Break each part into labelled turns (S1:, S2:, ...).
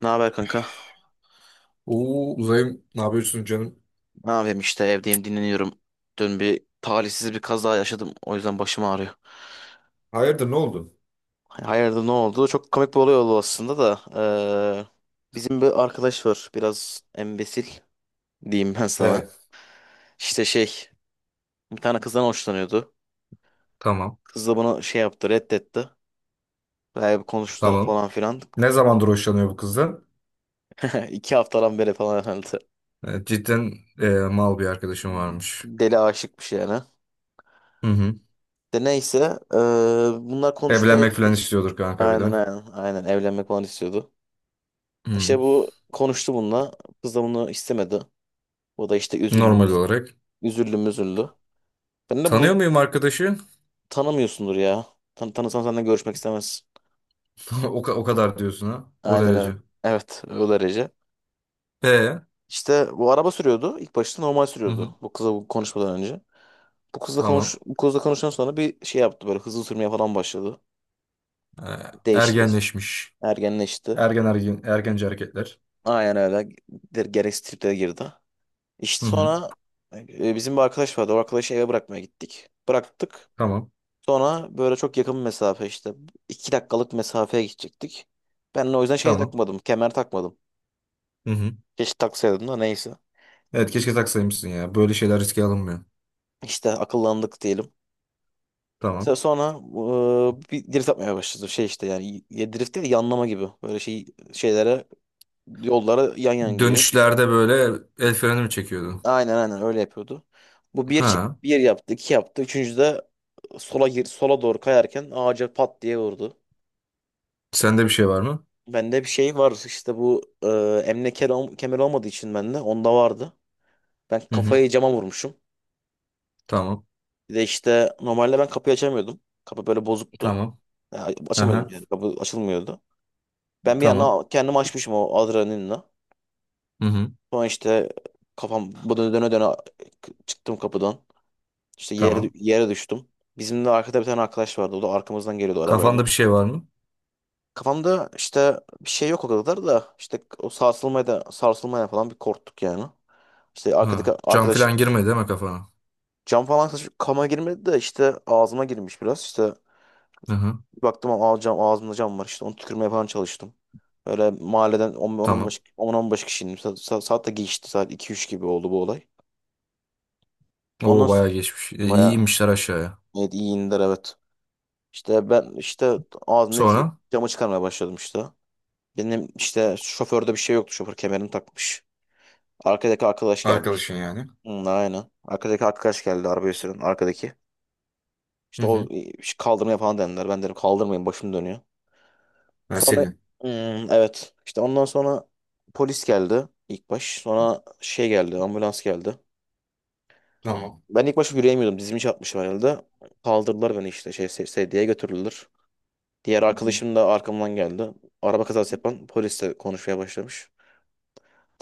S1: Ne haber kanka?
S2: Oo Uzay'ım ne yapıyorsun canım?
S1: Ne yapayım işte evdeyim, dinleniyorum. Dün bir talihsiz bir kaza yaşadım. O yüzden başım ağrıyor.
S2: Hayırdır ne oldu?
S1: Hani hayırdır ne oldu? Çok komik bir olay oldu aslında da. eee, Bizim bir arkadaş var. Biraz embesil diyeyim ben sana.
S2: Evet.
S1: İşte şey, bir tane kızdan hoşlanıyordu. Kız da bunu şey yaptı, reddetti. Bayağı bir konuştular
S2: Tamam.
S1: falan filan.
S2: Ne zamandır hoşlanıyor bu kızdan?
S1: 2 haftadan beri falan herhalde.
S2: Cidden mal bir arkadaşım varmış.
S1: Deli aşıkmış yani.
S2: Hı hı.
S1: De neyse, eee, bunlar konuştu.
S2: Evlenmek falan istiyordur kanka bir
S1: Aynen,
S2: de.
S1: aynen, aynen, evlenmek falan istiyordu.
S2: Hı.
S1: İşte bu konuştu bununla. Kız da bunu istemedi. O da işte üzüldü,
S2: Normal olarak.
S1: üzüldü, müzüldü. Ben de bu
S2: Tanıyor muyum arkadaşı?
S1: tanımıyorsundur ya. Tanısan senden görüşmek istemez.
S2: O, o kadar diyorsun ha. O
S1: Aynen öyle.
S2: derece.
S1: Evet, o derece.
S2: E.
S1: İşte bu araba sürüyordu. İlk başta normal
S2: Hı
S1: sürüyordu,
S2: hı.
S1: bu kızla bu konuşmadan önce.
S2: Tamam.
S1: Bu kızla konuşan sonra bir şey yaptı, böyle hızlı sürmeye falan başladı. Değişti işte.
S2: Ergenleşmiş.
S1: Ergenleşti.
S2: Ergen ergen ergenci hareketler.
S1: Aynen öyle. Gereksiz triplere girdi. İşte
S2: Hı hı.
S1: sonra bizim bir arkadaş vardı. O arkadaşı eve bırakmaya gittik. Bıraktık.
S2: Tamam.
S1: Sonra böyle çok yakın bir mesafe işte, 2 dakikalık mesafeye gidecektik. Ben de o yüzden şey
S2: Tamam.
S1: takmadım, kemer takmadım.
S2: Hı hı.
S1: Keşke taksaydım da neyse.
S2: Evet, keşke taksaymışsın ya. Böyle şeyler riske alınmıyor.
S1: İşte akıllandık diyelim. Mesela
S2: Tamam.
S1: sonra bir drift atmaya başladı. Şey işte, yani ya drift değil de yanlama gibi. Böyle şey, şeylere, yollara yan yan giriyor.
S2: Dönüşlerde böyle el freni mi çekiyordun?
S1: Aynen, aynen öyle yapıyordu. Bu bir
S2: Ha.
S1: bir yaptı, iki yaptı. Üçüncü de sola gir, sola doğru kayarken ağaca pat diye vurdu.
S2: Sende bir şey var mı?
S1: Bende bir şey var işte, bu emniyet kemer olmadığı için bende onda vardı. Ben
S2: Hı hı.
S1: kafayı cama vurmuşum.
S2: Tamam.
S1: Bir de işte normalde ben kapıyı açamıyordum. Kapı böyle bozuktu.
S2: Tamam.
S1: Ya, açamıyordum
S2: Aha.
S1: yani. Kapı açılmıyordu. Ben bir
S2: Tamam.
S1: yana kendimi açmışım o adrenalinle.
S2: Hı hı.
S1: Sonra işte kafam bu döne döne döne çıktım kapıdan. İşte
S2: Tamam.
S1: yere düştüm. Bizim de arkada bir tane arkadaş vardı. O da arkamızdan geliyordu arabayla.
S2: Kafanda bir şey var mı?
S1: Kafamda işte bir şey yok o kadar da, işte o sarsılmaya da sarsılmaya falan bir korktuk yani. İşte
S2: Ha.
S1: arkadaki
S2: Cam
S1: arkadaş
S2: falan girmedi değil mi kafana?
S1: cam falan saçıp kama girmedi de işte ağzıma girmiş biraz. İşte
S2: Hı hı.
S1: bir baktım cam, ağzımda cam var işte, onu tükürmeye falan çalıştım. Böyle mahalleden
S2: Tamam.
S1: 10-15, 10-15 kişinin saat de geçti, saat 2-3 gibi oldu bu olay. Ondan
S2: Oo
S1: sonra
S2: bayağı geçmiş. İyi
S1: bayağı,
S2: inmişler aşağıya.
S1: evet, iyi indiler, evet. İşte ben işte ağzımdaki
S2: Sonra?
S1: camı çıkarmaya başladım işte. Benim işte şoförde bir şey yoktu, şoför kemerini takmış. Arkadaki arkadaş geldi işte.
S2: Arkadaşın yani.
S1: Hı, aynen. Arkadaki arkadaş geldi, arabayı süren arkadaki.
S2: Hı
S1: İşte o,
S2: hı.
S1: kaldırmaya falan denediler. Ben dedim kaldırmayın, başım dönüyor.
S2: Ben
S1: Sonra
S2: seni.
S1: Evet, işte ondan sonra polis geldi ilk baş. Sonra şey geldi, ambulans geldi.
S2: Tamam.
S1: Ben ilk başta yürüyemiyordum, dizimi çarpmışım herhalde. Kaldırdılar beni işte, şey sedyeye götürüldüler. Diğer
S2: Hı hı.
S1: arkadaşım da arkamdan geldi. Araba kazası yapan polisle konuşmaya başlamış.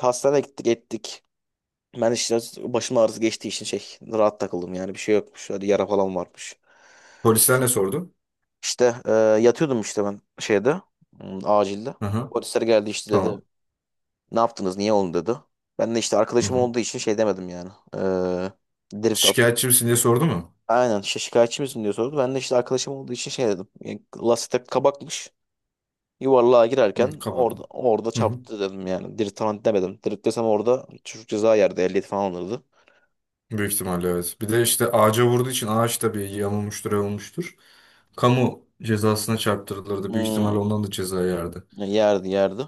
S1: Hastaneye gittik ettik. Ben işte başım ağrısı geçtiği için şey rahat takıldım yani, bir şey yokmuş. Hadi, yara falan varmış.
S2: Polisler ne sordu?
S1: İşte yatıyordum işte ben şeyde, acilde.
S2: Hı hı.
S1: Polisler geldi işte, dedi
S2: Tamam.
S1: ne yaptınız, niye oldu dedi. Ben de işte
S2: Hı
S1: arkadaşım
S2: hı.
S1: olduğu için şey demedim yani. Drift at.
S2: Şikayetçi misin diye sordu mu?
S1: Aynen işte şikayetçi misin diye sordu. Ben de işte arkadaşım olduğu için şey dedim. Yani lastik kabakmış. Yuvarlığa
S2: Hı,
S1: girerken
S2: kaba.
S1: orada
S2: Hı hı.
S1: çarptı dedim yani. Drift falan demedim. Drift desem orada çocuk ceza yerdi. Ehliyet falan alırdı.
S2: Büyük ihtimalle evet. Bir de işte ağaca vurduğu için ağaç tabii yamulmuştur, yamulmuştur. Kamu cezasına çarptırılırdı. Büyük
S1: Hmm,
S2: ihtimalle ondan da ceza yerdi.
S1: yerdi, yerdi.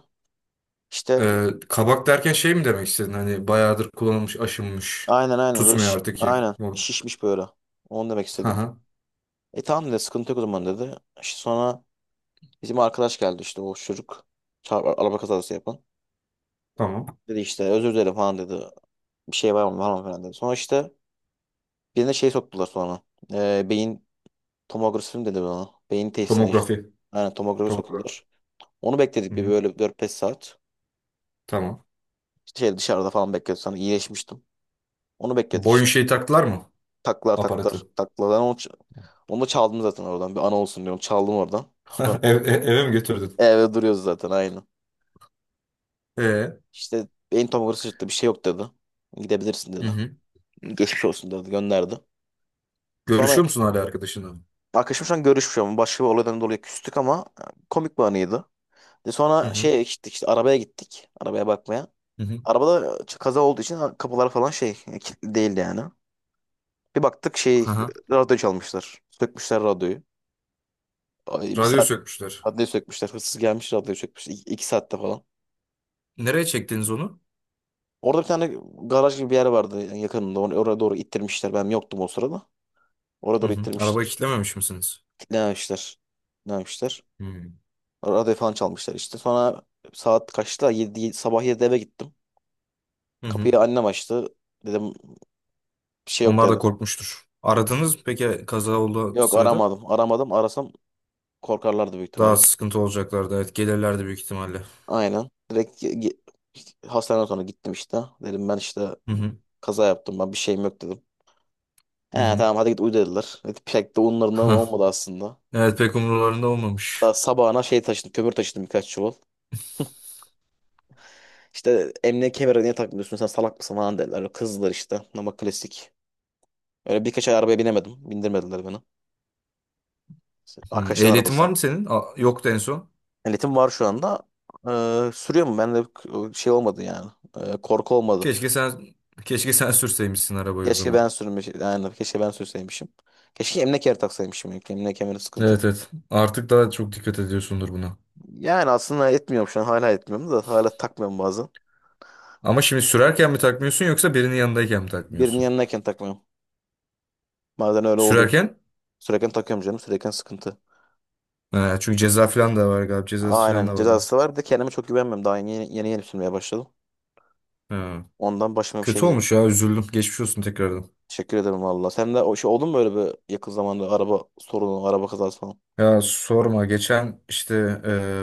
S1: İşte
S2: Kabak derken şey mi demek istedin? Hani bayağıdır kullanılmış, aşınmış.
S1: aynen, aynen böyle
S2: Tutmuyor artık ki
S1: aynen
S2: bu.
S1: şişmiş böyle. Onu demek
S2: Hı
S1: istedim.
S2: hı.
S1: E tamam dedi, sıkıntı yok o zaman dedi. İşte sonra bizim arkadaş geldi işte, o çocuk. Çarp, araba kazası yapan.
S2: Tamam.
S1: Dedi işte özür dilerim falan dedi. Bir şey var mı, var mı falan dedi. Sonra işte birine şey soktular sonra. Beyin tomografi mi dedi bana. Beyin testine işte.
S2: Tomografi.
S1: Aynen, tomografi
S2: Tomografi.
S1: soktular. Onu
S2: Hı
S1: bekledik bir
S2: hı.
S1: böyle 4-5 saat.
S2: Tamam.
S1: İşte şey dışarıda falan bekledik, sonra iyileşmiştim. Onu bekledik
S2: Boyun
S1: işte.
S2: şeyi taktılar mı?
S1: Taklar, taklar,
S2: Aparatı.
S1: taklar. Ben onu, onu da çaldım zaten oradan. Bir ana olsun diyorum. Çaldım oradan. Sonra
S2: Eve mi götürdün?
S1: evde duruyoruz zaten aynı.
S2: Ee,
S1: İşte beyin tomografi çıktı, bir şey yok dedi. Gidebilirsin
S2: hı
S1: dedi.
S2: hı.
S1: Geçmiş olsun dedi, gönderdi. Sonra
S2: Görüşüyor musun hala arkadaşınla?
S1: arkadaşım şu an görüşmüyor ama başka bir olaydan dolayı küstük, ama komik bir anıydı. De
S2: Hı
S1: sonra
S2: hı.
S1: şeye gittik işte, arabaya gittik, arabaya bakmaya.
S2: Hı hı.
S1: Arabada kaza olduğu için kapılar falan şey, kilitli değildi yani. Bir baktık
S2: Hı
S1: şey,
S2: hı.
S1: radyo çalmışlar. Sökmüşler radyoyu. Ay, bir
S2: Radyo
S1: saat
S2: sökmüşler.
S1: radyoyu sökmüşler. Hırsız gelmiş, radyoyu sökmüşler. İki, 2 saatte falan.
S2: Nereye çektiniz onu?
S1: Orada bir tane garaj gibi bir yer vardı yani yakınında. Oraya doğru ittirmişler. Ben yoktum o sırada. Oraya
S2: Hı
S1: doğru
S2: hı. Arabayı
S1: ittirmişler.
S2: kilitlememiş misiniz?
S1: Kilitlememişler. Kilitlememişler.
S2: Hı.
S1: Radyo falan çalmışlar işte. Sonra saat kaçta, yedi, sabah 7'de eve gittim.
S2: Hı hı.
S1: Kapıyı annem açtı. Dedim bir şey yok
S2: Onlar da
S1: dedim.
S2: korkmuştur. Aradınız mı peki kaza olduğu
S1: Yok,
S2: sırada?
S1: aramadım. Aramadım. Arasam korkarlardı büyük
S2: Daha
S1: ihtimalle.
S2: sıkıntı olacaklardı. Evet, gelirlerdi büyük ihtimalle.
S1: Aynen. Direkt hastaneden sonra gittim işte. Dedim ben işte
S2: Hı hı.
S1: kaza yaptım, ben bir şeyim yok dedim. He
S2: Hı hı.
S1: tamam, hadi git uyu dediler. Evet, pek de onlarından
S2: Hah.
S1: olmadı aslında.
S2: Evet, pek umurlarında olmamış.
S1: Daha sabahına şey taşıdım, kömür taşıdım birkaç çuval. İşte emniyet kemeri niye takmıyorsun, sen salak mısın falan dediler. Kızdılar işte, ama klasik. Öyle birkaç ay arabaya binemedim. Bindirmediler beni. İşte
S2: Hı.
S1: arkadaşların
S2: Ehliyetin var
S1: arabası.
S2: mı senin? Aa, yoktu en son.
S1: Ehliyetim var şu anda. Sürüyor mu? Ben de şey olmadı yani. Korku olmadı.
S2: Keşke sen keşke sen sürseymişsin arabayı o
S1: Keşke
S2: zaman.
S1: ben yani keşke ben sürseymişim. Keşke emlak kemeri taksaymışım. Yani emlak kemeri sıkıntı.
S2: Evet, evet. Artık daha çok dikkat ediyorsundur buna.
S1: Yani aslında etmiyorum şu an. Hala etmiyorum da, hala takmıyorum bazen.
S2: Ama şimdi sürerken mi takmıyorsun yoksa birinin yanındayken mi
S1: Birinin
S2: takmıyorsun?
S1: yanındayken takmıyorum. Bazen öyle oluyor.
S2: Sürerken?
S1: Sürerken takıyorum canım. Sürerken sıkıntı.
S2: Ha, çünkü ceza falan da var galiba. Cezası falan
S1: Aynen,
S2: da var onun.
S1: cezası var. Bir de kendime çok güvenmiyorum. Daha yeni sürmeye başladım.
S2: Ha.
S1: Ondan başıma bir şey
S2: Kötü
S1: gelir.
S2: olmuş ya üzüldüm. Geçmiş olsun tekrardan.
S1: Teşekkür ederim valla. Sen de o şey oldu mu böyle, bir yakın zamanda araba sorunu, araba kazası falan?
S2: Ya sorma, geçen işte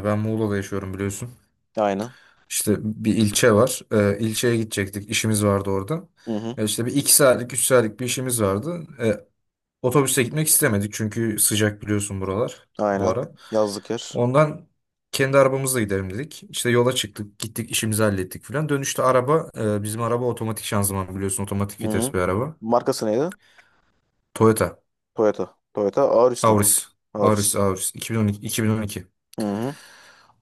S2: ben Muğla'da yaşıyorum biliyorsun.
S1: Aynen.
S2: İşte bir ilçe var. İlçeye gidecektik. İşimiz vardı orada.
S1: Hı hı.
S2: Ya işte bir iki saatlik üç saatlik bir işimiz vardı. Otobüste gitmek istemedik çünkü sıcak biliyorsun buralar bu
S1: Aynen.
S2: ara.
S1: Yazlık yer.
S2: Ondan kendi arabamızla gidelim dedik. İşte yola çıktık gittik işimizi hallettik falan. Dönüşte araba bizim araba otomatik şanzıman biliyorsun, otomatik
S1: Hı hı.
S2: vites bir araba.
S1: Markası neydi?
S2: Toyota
S1: Toyota. Toyota Auris mi?
S2: Auris.
S1: Auris.
S2: Auris Auris 2012, 2012.
S1: Hı hı.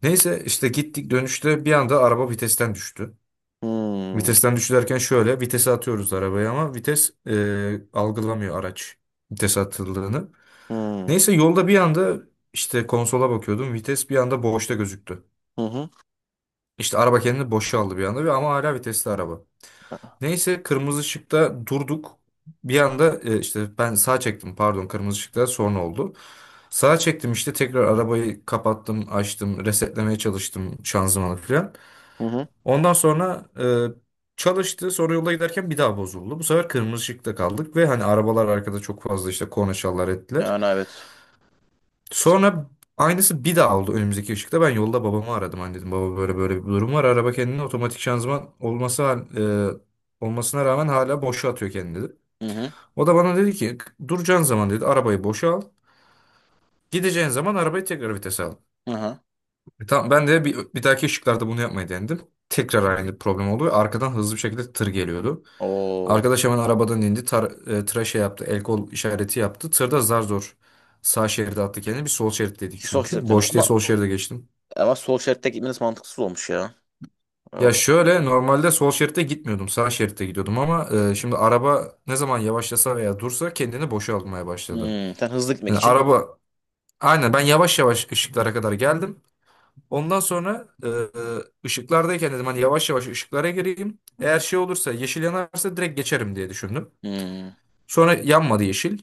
S2: Neyse işte gittik, dönüşte bir anda araba vitesten düştü.
S1: Hı
S2: Vitesten düştü derken şöyle, vitese atıyoruz arabaya ama vites algılamıyor araç vitese atıldığını.
S1: hı.
S2: Neyse yolda bir anda işte konsola bakıyordum, vites bir anda boşta gözüktü.
S1: Hı hı.
S2: İşte araba kendini boşa aldı bir anda ve ama hala vitesli araba. Neyse kırmızı ışıkta durduk. Bir anda işte ben sağ çektim, pardon kırmızı ışıkta sonra oldu. Sağa çektim işte, tekrar arabayı kapattım açtım, resetlemeye çalıştım şanzımanı falan.
S1: Hı hı.
S2: Ondan sonra çalıştı. Sonra yolda giderken bir daha bozuldu. Bu sefer kırmızı ışıkta kaldık ve hani arabalar arkada çok fazla işte korna çalar ettiler.
S1: Yani evet.
S2: Sonra aynısı bir daha oldu önümüzdeki ışıkta. Ben yolda babamı aradım. Hani dedim baba böyle böyle bir durum var. Araba kendini otomatik şanzıman olması olmasına rağmen hala boşa atıyor kendini dedi.
S1: Hı hı.
S2: O da bana dedi ki duracağın zaman dedi arabayı boşa al. Gideceğin zaman arabayı tekrar vitese al.
S1: Hı hı.
S2: Tamam, ben de bir dahaki ışıklarda bunu yapmayı denedim. Tekrar aynı problem oldu ve arkadan hızlı bir şekilde tır geliyordu.
S1: O
S2: Arkadaş hemen arabadan indi. Tıra şey yaptı. El kol işareti yaptı. Tırda zar zor sağ şeride attı kendini. Bir sol şeritteydik
S1: ki sol
S2: çünkü.
S1: şeritteniz,
S2: Boş diye
S1: ama
S2: sol şeride geçtim.
S1: sol şeritte gitmeniz mantıksız olmuş ya. O-
S2: Ya şöyle normalde sol şeritte gitmiyordum. Sağ şeritte gidiyordum ama şimdi araba ne zaman yavaşlasa veya dursa kendini boşa almaya başladı.
S1: Hmm. Sen hızlı gitmek
S2: Yani
S1: için
S2: araba aynen ben yavaş yavaş ışıklara kadar geldim. Ondan sonra ışıklardayken dedim hani yavaş yavaş ışıklara gireyim. Eğer şey olursa, yeşil yanarsa direkt geçerim diye düşündüm.
S1: hmm.
S2: Sonra yanmadı yeşil.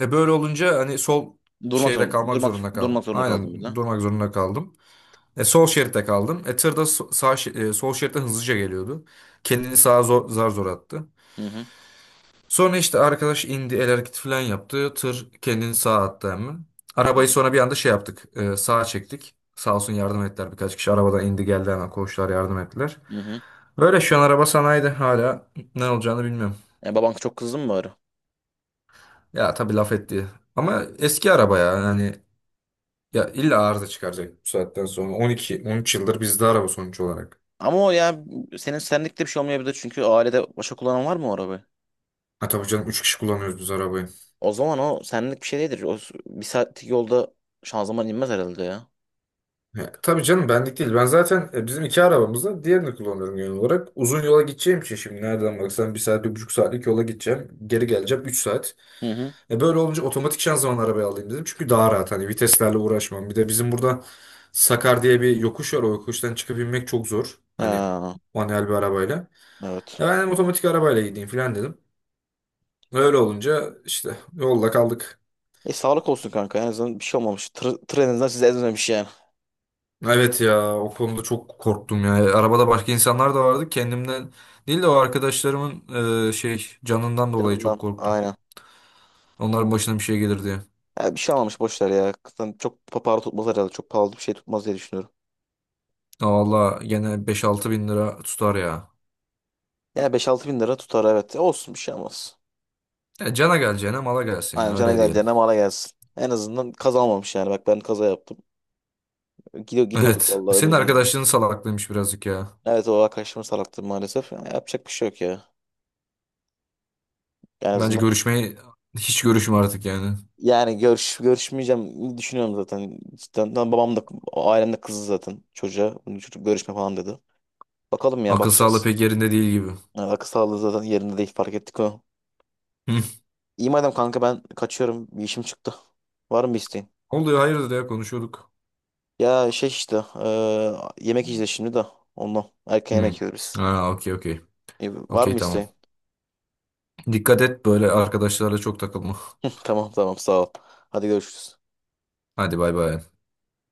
S2: E böyle olunca hani sol şeyde kalmak zorunda kaldım.
S1: durmak zorunda kaldın bir
S2: Aynen
S1: de.
S2: durmak zorunda kaldım. E sol şeritte kaldım. E tır da sol şeritte hızlıca geliyordu. Kendini sağa zar zor attı.
S1: Hı hı.
S2: Sonra işte arkadaş indi el hareketi falan yaptı. Tır kendini sağa attı hemen.
S1: Hı hı.
S2: Arabayı sonra bir anda şey yaptık. Sağa çektik. Sağ olsun yardım ettiler. Birkaç kişi arabadan indi geldi hemen, koçlar yardım ettiler.
S1: Hı hı.
S2: Böyle şu an araba sanayide, hala ne olacağını bilmiyorum.
S1: E, baban çok kızdı mı bari?
S2: Ya tabii laf etti. Ama eski araba ya yani. Ya illa arıza çıkaracak bu saatten sonra. 12, 13 yıldır bizde araba sonuç olarak.
S1: Ama o ya, senin senlikte bir şey olmayabilir, çünkü ailede başka kullanan var mı o arabayı?
S2: Ha, tabii canım, 3 kişi kullanıyoruz biz arabayı.
S1: O zaman o senlik bir şey değildir. Bir saatlik yolda şanzıman inmez herhalde ya.
S2: Ya, tabii canım benlik değil. Ben zaten bizim iki arabamız var. Diğerini kullanıyorum genel olarak. Uzun yola gideceğim için şimdi nereden baksan bir saat, bir buçuk saatlik yola gideceğim. Geri geleceğim 3 saat.
S1: Hı hı.
S2: Böyle olunca otomatik şanzıman arabayı alayım dedim. Çünkü daha rahat, hani viteslerle uğraşmam. Bir de bizim burada Sakar diye bir yokuş var. O yokuştan çıkıp inmek çok zor, hani
S1: Ha,
S2: manuel bir arabayla.
S1: evet.
S2: Ya ben dedim otomatik arabayla gideyim falan dedim. Öyle olunca işte yolda kaldık.
S1: E, sağlık olsun kanka. En azından bir şey olmamış. Tır en azından sizi ezmemiş yani.
S2: Evet ya, o konuda çok korktum ya. Arabada başka insanlar da vardı. Kendimden değil de o arkadaşlarımın şey canından dolayı çok
S1: Canından.
S2: korktum.
S1: Aynen.
S2: Onların başına bir şey gelir diye.
S1: Ya bir şey olmamış, boş ver ya. Zaten çok para tutmaz herhalde. Çok pahalı bir şey tutmaz diye düşünüyorum.
S2: Ya valla gene 5-6 bin lira tutar ya.
S1: Yani 5-6 bin lira tutar, evet. E olsun, bir şey olmaz.
S2: Ya cana geleceğine mala gelsin
S1: Aynen,
S2: ya,
S1: cana
S2: öyle diyelim.
S1: geleceğine mala gelsin. En azından kaza olmamış yani. Bak ben kaza yaptım. Gidiyorduk
S2: Evet.
S1: vallahi
S2: Senin
S1: öbür dünyaya.
S2: arkadaşlığın salaklıymış birazcık ya.
S1: Evet, o arkadaşımın salaktı maalesef. Ya, yapacak bir şey yok ya. En
S2: Bence
S1: azından
S2: görüşmeyi hiç görüşme artık yani.
S1: yani görüşmeyeceğim düşünüyorum zaten. Cidden lan, babam da ailem de kızdı zaten çocuğa. Bunu çocuk görüşme falan dedi. Bakalım ya,
S2: Akıl sağlığı
S1: bakacağız.
S2: pek yerinde değil gibi.
S1: Yani akıl sağlığı zaten yerinde değil, fark ettik onu.
S2: Hı.
S1: İyi madem kanka, ben kaçıyorum. Bir işim çıktı. Var mı bir isteğin?
S2: Oluyor, hayırdır ya, konuşuyorduk.
S1: Ya şey işte, yemek yiyeceğiz şimdi de ondan. Erken
S2: Hı.
S1: yemek yiyoruz.
S2: Ha, okey okey.
S1: İyi, var mı
S2: Okey tamam.
S1: isteğin?
S2: Dikkat et, böyle arkadaşlarla çok takılma.
S1: Tamam, tamam, sağ ol. Hadi görüşürüz.
S2: Hadi bay bay.